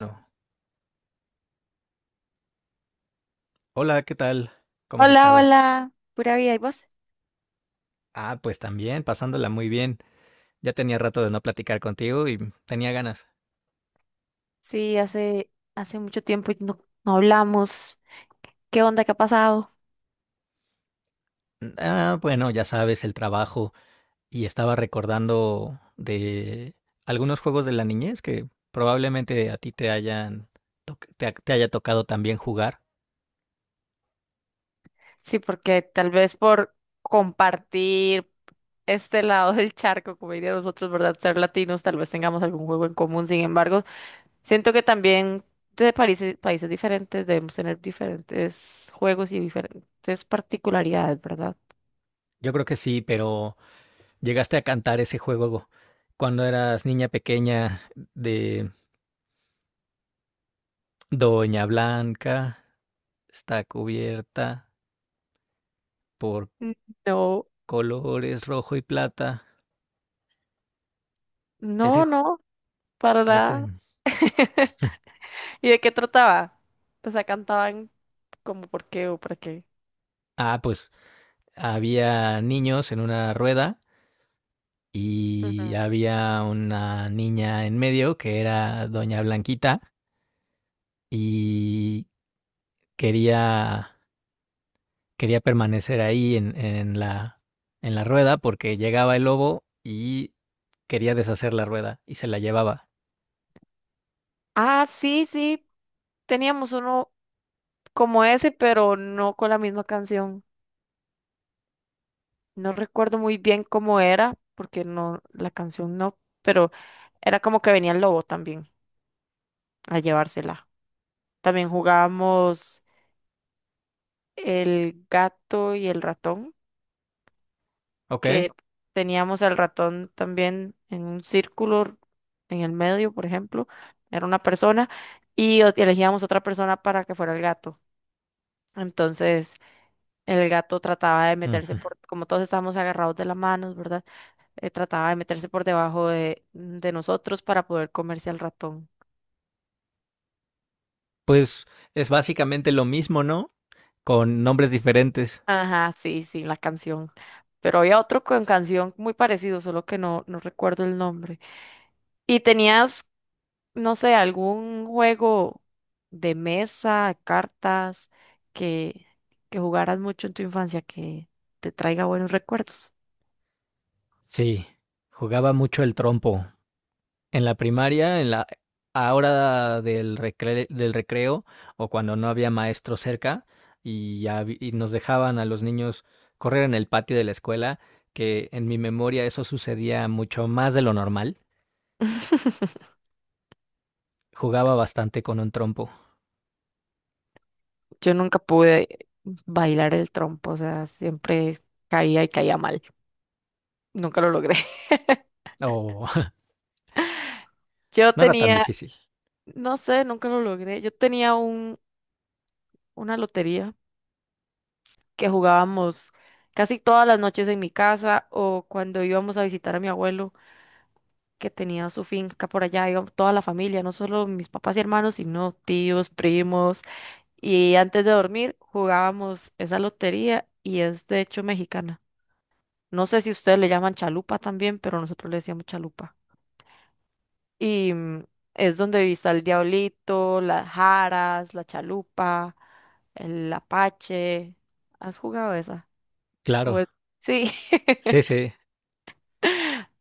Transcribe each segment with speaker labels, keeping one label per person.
Speaker 1: No. Hola, ¿qué tal? ¿Cómo has
Speaker 2: Hola,
Speaker 1: estado?
Speaker 2: hola, pura vida, ¿y vos?
Speaker 1: Ah, pues también, pasándola muy bien. Ya tenía rato de no platicar contigo y tenía ganas.
Speaker 2: Sí, hace mucho tiempo y no hablamos. ¿Qué onda? ¿Qué ha pasado?
Speaker 1: Ah, bueno, ya sabes, el trabajo. Y estaba recordando de algunos juegos de la niñez que probablemente a ti te hayan te haya tocado también jugar.
Speaker 2: Sí, porque tal vez por compartir este lado del charco, como diría nosotros, ¿verdad? Ser latinos, tal vez tengamos algún juego en común. Sin embargo, siento que también de países diferentes debemos tener diferentes juegos y diferentes particularidades, ¿verdad?
Speaker 1: Yo creo que sí, pero llegaste a cantar ese juego cuando eras niña pequeña de Doña Blanca está cubierta por
Speaker 2: Mm. No,
Speaker 1: colores rojo y plata. Ese,
Speaker 2: no, no, para
Speaker 1: ese.
Speaker 2: nada. ¿Y de qué trataba? O sea, cantaban, ¿como por qué o para qué?
Speaker 1: Ah, pues había niños en una rueda
Speaker 2: Ujú.
Speaker 1: y había una niña en medio que era Doña Blanquita y quería, quería permanecer ahí en la rueda porque llegaba el lobo y quería deshacer la rueda y se la llevaba.
Speaker 2: Ah, sí, sí, teníamos uno como ese, pero no con la misma canción. No recuerdo muy bien cómo era, porque no, la canción no, pero era como que venía el lobo también a llevársela. También jugábamos el gato y el ratón,
Speaker 1: ¿Ok?
Speaker 2: que teníamos al ratón también en un círculo en el medio. Por ejemplo, era una persona, y elegíamos otra persona para que fuera el gato. Entonces, el gato trataba de meterse
Speaker 1: Ujú.
Speaker 2: por, como todos estábamos agarrados de las manos, ¿verdad? Trataba de meterse por debajo de nosotros para poder comerse al ratón.
Speaker 1: Pues es básicamente lo mismo, ¿no? Con nombres diferentes.
Speaker 2: Ajá, sí, sí, la canción. Pero había otro con canción muy parecido, solo que no recuerdo el nombre. ¿Y tenías, no sé, algún juego de mesa, cartas, que, que jugaras mucho en tu infancia que te traiga buenos recuerdos?
Speaker 1: Sí, jugaba mucho el trompo. En la primaria, en la a hora del recreo o cuando no había maestro cerca y nos dejaban a los niños correr en el patio de la escuela, que en mi memoria eso sucedía mucho más de lo normal. Jugaba bastante con un trompo.
Speaker 2: Yo nunca pude bailar el trompo, o sea, siempre caía y caía mal. Nunca lo logré.
Speaker 1: O
Speaker 2: Yo
Speaker 1: no era tan
Speaker 2: tenía,
Speaker 1: difícil.
Speaker 2: no sé, nunca lo logré. Yo tenía un, una lotería que jugábamos casi todas las noches en mi casa o cuando íbamos a visitar a mi abuelo, que tenía su finca por allá. Íbamos toda la familia, no solo mis papás y hermanos, sino tíos, primos. Y antes de dormir jugábamos esa lotería, y es de hecho mexicana. No sé si ustedes le llaman chalupa también, pero nosotros le decíamos chalupa. Y es donde está el diablito, las jaras, la chalupa, el apache. ¿Has jugado esa? O
Speaker 1: Claro.
Speaker 2: es- Sí,
Speaker 1: Sí, sí.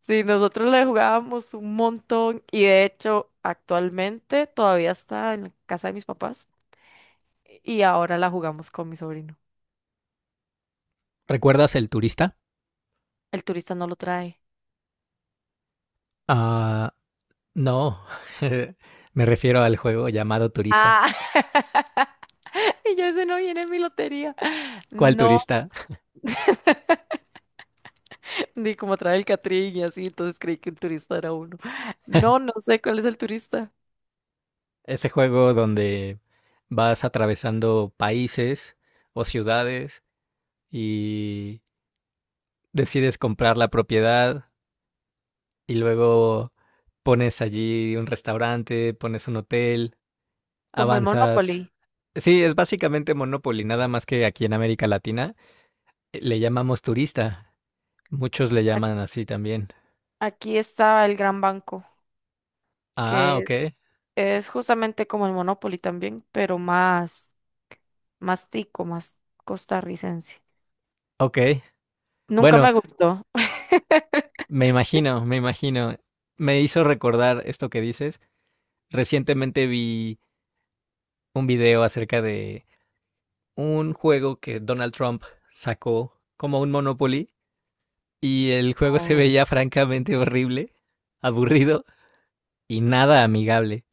Speaker 2: sí, nosotros le jugábamos un montón, y de hecho actualmente todavía está en la casa de mis papás y ahora la jugamos con mi sobrino.
Speaker 1: ¿Recuerdas el turista?
Speaker 2: El turista no lo trae.
Speaker 1: Ah, no. Me refiero al juego llamado Turista.
Speaker 2: Ah, y yo ese no viene en mi lotería.
Speaker 1: ¿Cuál
Speaker 2: No.
Speaker 1: turista?
Speaker 2: Ni como trae el Catrín y así, entonces creí que el turista era uno. No, no sé cuál es el turista.
Speaker 1: Ese juego donde vas atravesando países o ciudades y decides comprar la propiedad y luego pones allí un restaurante, pones un hotel,
Speaker 2: Como el
Speaker 1: avanzas.
Speaker 2: Monopoly.
Speaker 1: Sí, es básicamente Monopoly, nada más que aquí en América Latina le llamamos turista. Muchos le
Speaker 2: A-
Speaker 1: llaman así también.
Speaker 2: Aquí estaba el Gran Banco,
Speaker 1: Ah,
Speaker 2: que
Speaker 1: ok,
Speaker 2: es justamente como el Monopoly también, pero más, más tico, más costarricense.
Speaker 1: ok.
Speaker 2: Nunca
Speaker 1: Bueno,
Speaker 2: me gustó.
Speaker 1: me imagino. Me hizo recordar esto que dices. Recientemente vi un video acerca de un juego que Donald Trump sacó como un Monopoly y el juego se
Speaker 2: No.
Speaker 1: veía francamente horrible, aburrido y nada amigable.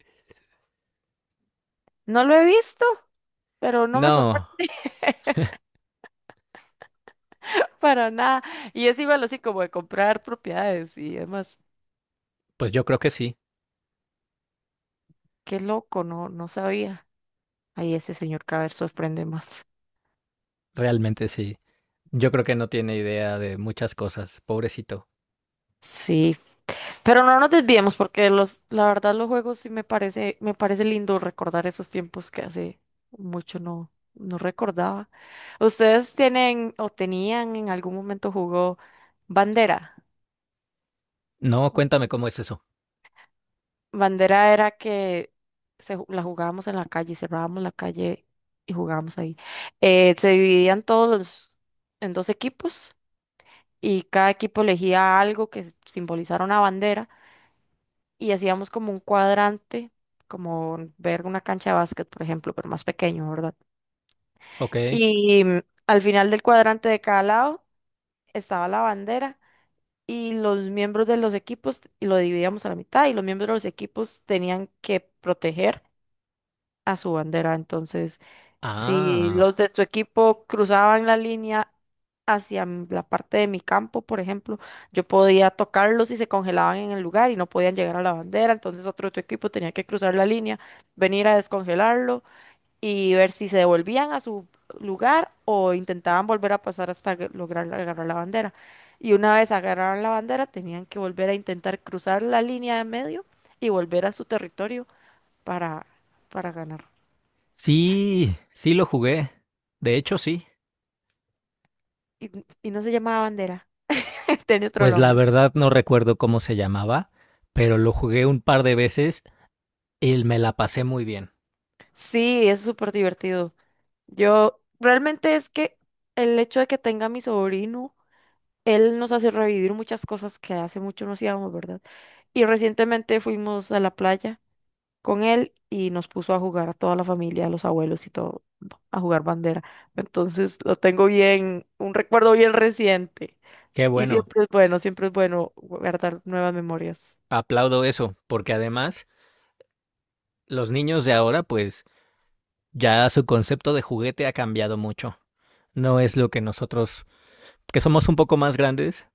Speaker 2: No lo he visto, pero no me
Speaker 1: No,
Speaker 2: sorprende, para nada. Y es igual así como de comprar propiedades y demás.
Speaker 1: pues yo creo que sí,
Speaker 2: Qué loco, no, no sabía. Ahí ese señor cada vez sorprende más.
Speaker 1: realmente sí. Yo creo que no tiene idea de muchas cosas, pobrecito.
Speaker 2: Sí. Pero no nos desviemos, porque los, la verdad los juegos sí me parece lindo recordar esos tiempos que hace mucho no recordaba. ¿Ustedes tienen o tenían en algún momento jugó bandera?
Speaker 1: No, cuéntame cómo es eso.
Speaker 2: Bandera era que se, la jugábamos en la calle, cerrábamos la calle y jugábamos ahí. Se dividían en dos equipos, y cada equipo elegía algo que simbolizara una bandera, y hacíamos como un cuadrante, como ver una cancha de básquet, por ejemplo, pero más pequeño, ¿verdad?
Speaker 1: Ok.
Speaker 2: Y al final del cuadrante de cada lado estaba la bandera, y los miembros de los equipos, y lo dividíamos a la mitad, y los miembros de los equipos tenían que proteger a su bandera. Entonces, si los
Speaker 1: Ah.
Speaker 2: de tu equipo cruzaban la línea hacia la parte de mi campo, por ejemplo, yo podía tocarlos y se congelaban en el lugar y no podían llegar a la bandera. Entonces, otro de tu equipo tenía que cruzar la línea, venir a descongelarlo y ver si se devolvían a su lugar o intentaban volver a pasar hasta lograr agarrar la bandera. Y una vez agarraron la bandera, tenían que volver a intentar cruzar la línea de medio y volver a su territorio para, para ganar.
Speaker 1: Sí, sí lo jugué. De hecho, sí.
Speaker 2: Y, y no se llamaba bandera, tenía otro
Speaker 1: Pues la
Speaker 2: nombre.
Speaker 1: verdad no recuerdo cómo se llamaba, pero lo jugué un par de veces y me la pasé muy bien.
Speaker 2: Sí, es súper divertido. Yo, realmente es que el hecho de que tenga a mi sobrino, él nos hace revivir muchas cosas que hace mucho no hacíamos, ¿verdad? Y recientemente fuimos a la playa con él y nos puso a jugar a toda la familia, a los abuelos y todo, a jugar bandera. Entonces lo tengo bien, un recuerdo bien reciente.
Speaker 1: Qué
Speaker 2: Y
Speaker 1: bueno,
Speaker 2: siempre es bueno guardar nuevas memorias.
Speaker 1: aplaudo eso, porque además los niños de ahora, pues ya su concepto de juguete ha cambiado mucho. No es lo que nosotros, que somos un poco más grandes,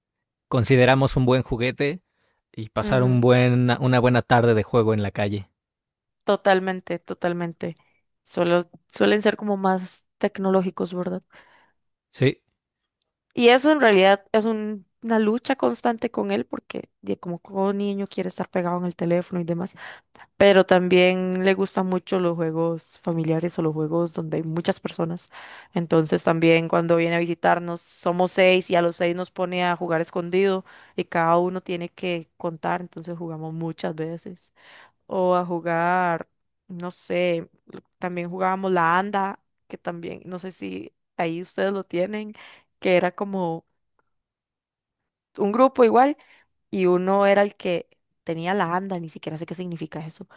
Speaker 1: consideramos un buen juguete y pasar
Speaker 2: Ujú.
Speaker 1: una buena tarde de juego en la calle.
Speaker 2: Totalmente, totalmente. Suelo- suelen ser como más tecnológicos, ¿verdad?
Speaker 1: Sí,
Speaker 2: Y eso en realidad es una lucha constante con él porque como todo niño quiere estar pegado en el teléfono y demás, pero también le gustan mucho los juegos familiares o los juegos donde hay muchas personas. Entonces también cuando viene a visitarnos somos seis, y a los seis nos pone a jugar escondido, y cada uno tiene que contar, entonces jugamos muchas veces, o a jugar, no sé, también jugábamos la anda, que también, no sé si ahí ustedes lo tienen, que era como un grupo igual, y uno era el que tenía la anda, ni siquiera sé qué significa eso.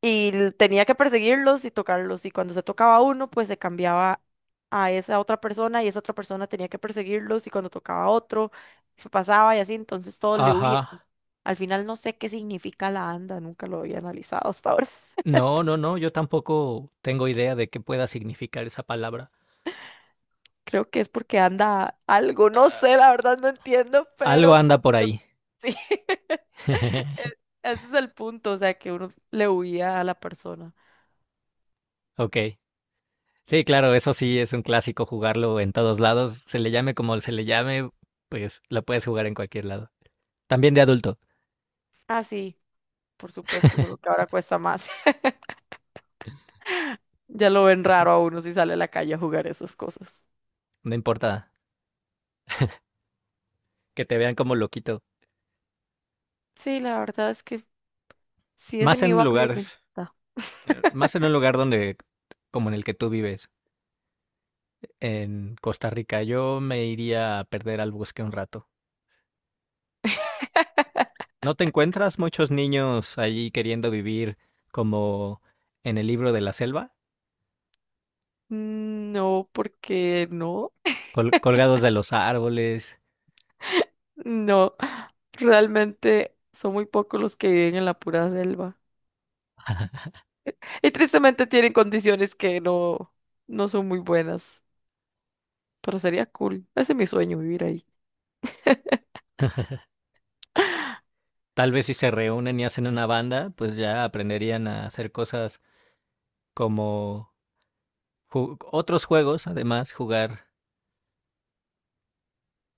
Speaker 2: Y tenía que perseguirlos y tocarlos, y cuando se tocaba a uno, pues se cambiaba a esa otra persona, y esa otra persona tenía que perseguirlos, y cuando tocaba a otro, se pasaba y así, entonces todos le
Speaker 1: ajá.
Speaker 2: huían. Al final no sé qué significa la anda, nunca lo había analizado hasta ahora.
Speaker 1: No, yo tampoco tengo idea de qué pueda significar esa palabra.
Speaker 2: Creo que es porque anda algo, no sé, la verdad no entiendo,
Speaker 1: Algo
Speaker 2: pero
Speaker 1: anda por ahí.
Speaker 2: sí, e- ese es el punto, o sea, que uno le huía a la persona.
Speaker 1: Ok. Sí, claro, eso sí es un clásico jugarlo en todos lados. Se le llame como se le llame, pues lo puedes jugar en cualquier lado. También de adulto.
Speaker 2: Ah, sí, por supuesto, solo que ahora cuesta más. Ya lo ven raro a uno si sale a la calle a jugar esas cosas.
Speaker 1: No importa que te vean como loquito.
Speaker 2: Sí, la verdad es que si es
Speaker 1: Más
Speaker 2: en mi
Speaker 1: en
Speaker 2: barrio, no
Speaker 1: lugares,
Speaker 2: importa.
Speaker 1: más en un lugar donde, como en el que tú vives, en Costa Rica, yo me iría a perder al bosque un rato. ¿No te encuentras muchos niños allí queriendo vivir como en el libro de la selva?
Speaker 2: No, porque no,
Speaker 1: Colgados de los árboles.
Speaker 2: no, realmente son muy pocos los que viven en la pura selva. Y tristemente tienen condiciones que no, no son muy buenas, pero sería cool. Ese es mi sueño, vivir ahí.
Speaker 1: Tal vez si se reúnen y hacen una banda, pues ya aprenderían a hacer cosas como otros juegos, además, jugar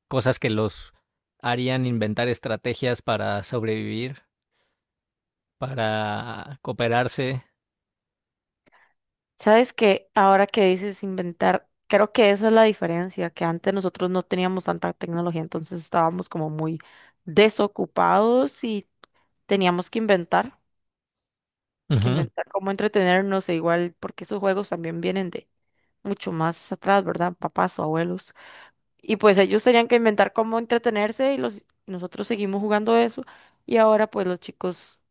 Speaker 1: cosas que los harían inventar estrategias para sobrevivir, para cooperarse.
Speaker 2: Sabes que ahora que dices inventar, creo que eso es la diferencia, que antes nosotros no teníamos tanta tecnología, entonces estábamos como muy desocupados y teníamos que
Speaker 1: Ujú.
Speaker 2: inventar cómo entretenernos e igual, porque esos juegos también vienen de mucho más atrás, ¿verdad? Papás o abuelos. Y pues ellos tenían que inventar cómo entretenerse, y los, nosotros seguimos jugando eso. Y ahora pues los chicos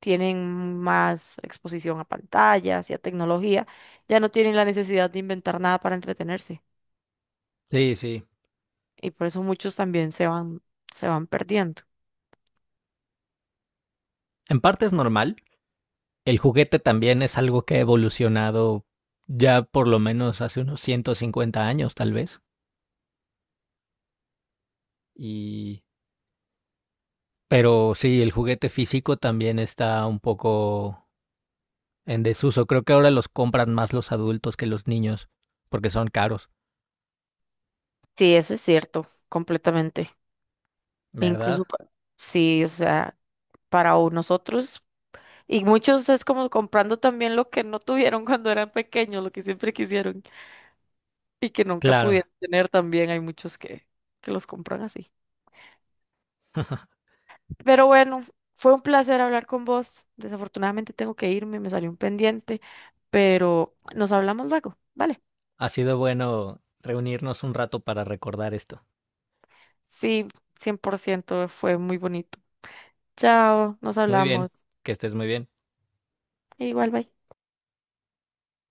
Speaker 2: tienen más exposición a pantallas y a tecnología. Ya no tienen la necesidad de inventar nada para entretenerse.
Speaker 1: Sí, sí.
Speaker 2: Y por eso muchos también se van perdiendo.
Speaker 1: En parte es normal. El juguete también es algo que ha evolucionado ya por lo menos hace unos 150 años, tal vez. Y pero sí, el juguete físico también está un poco en desuso. Creo que ahora los compran más los adultos que los niños, porque son caros,
Speaker 2: Sí, eso es cierto, completamente.
Speaker 1: ¿verdad?
Speaker 2: Incluso, sí, o sea, para nosotros. Y muchos es como comprando también lo que no tuvieron cuando eran pequeños, lo que siempre quisieron, y que nunca
Speaker 1: Claro,
Speaker 2: pudieron tener también. Hay muchos que los compran así. Pero bueno, fue un placer hablar con vos. Desafortunadamente tengo que irme, me salió un pendiente, pero nos hablamos luego, ¿vale?
Speaker 1: ha sido bueno reunirnos un rato para recordar esto.
Speaker 2: Sí, 100% fue muy bonito. Chao, nos
Speaker 1: Muy bien,
Speaker 2: hablamos.
Speaker 1: que estés muy bien.
Speaker 2: Igual, bye.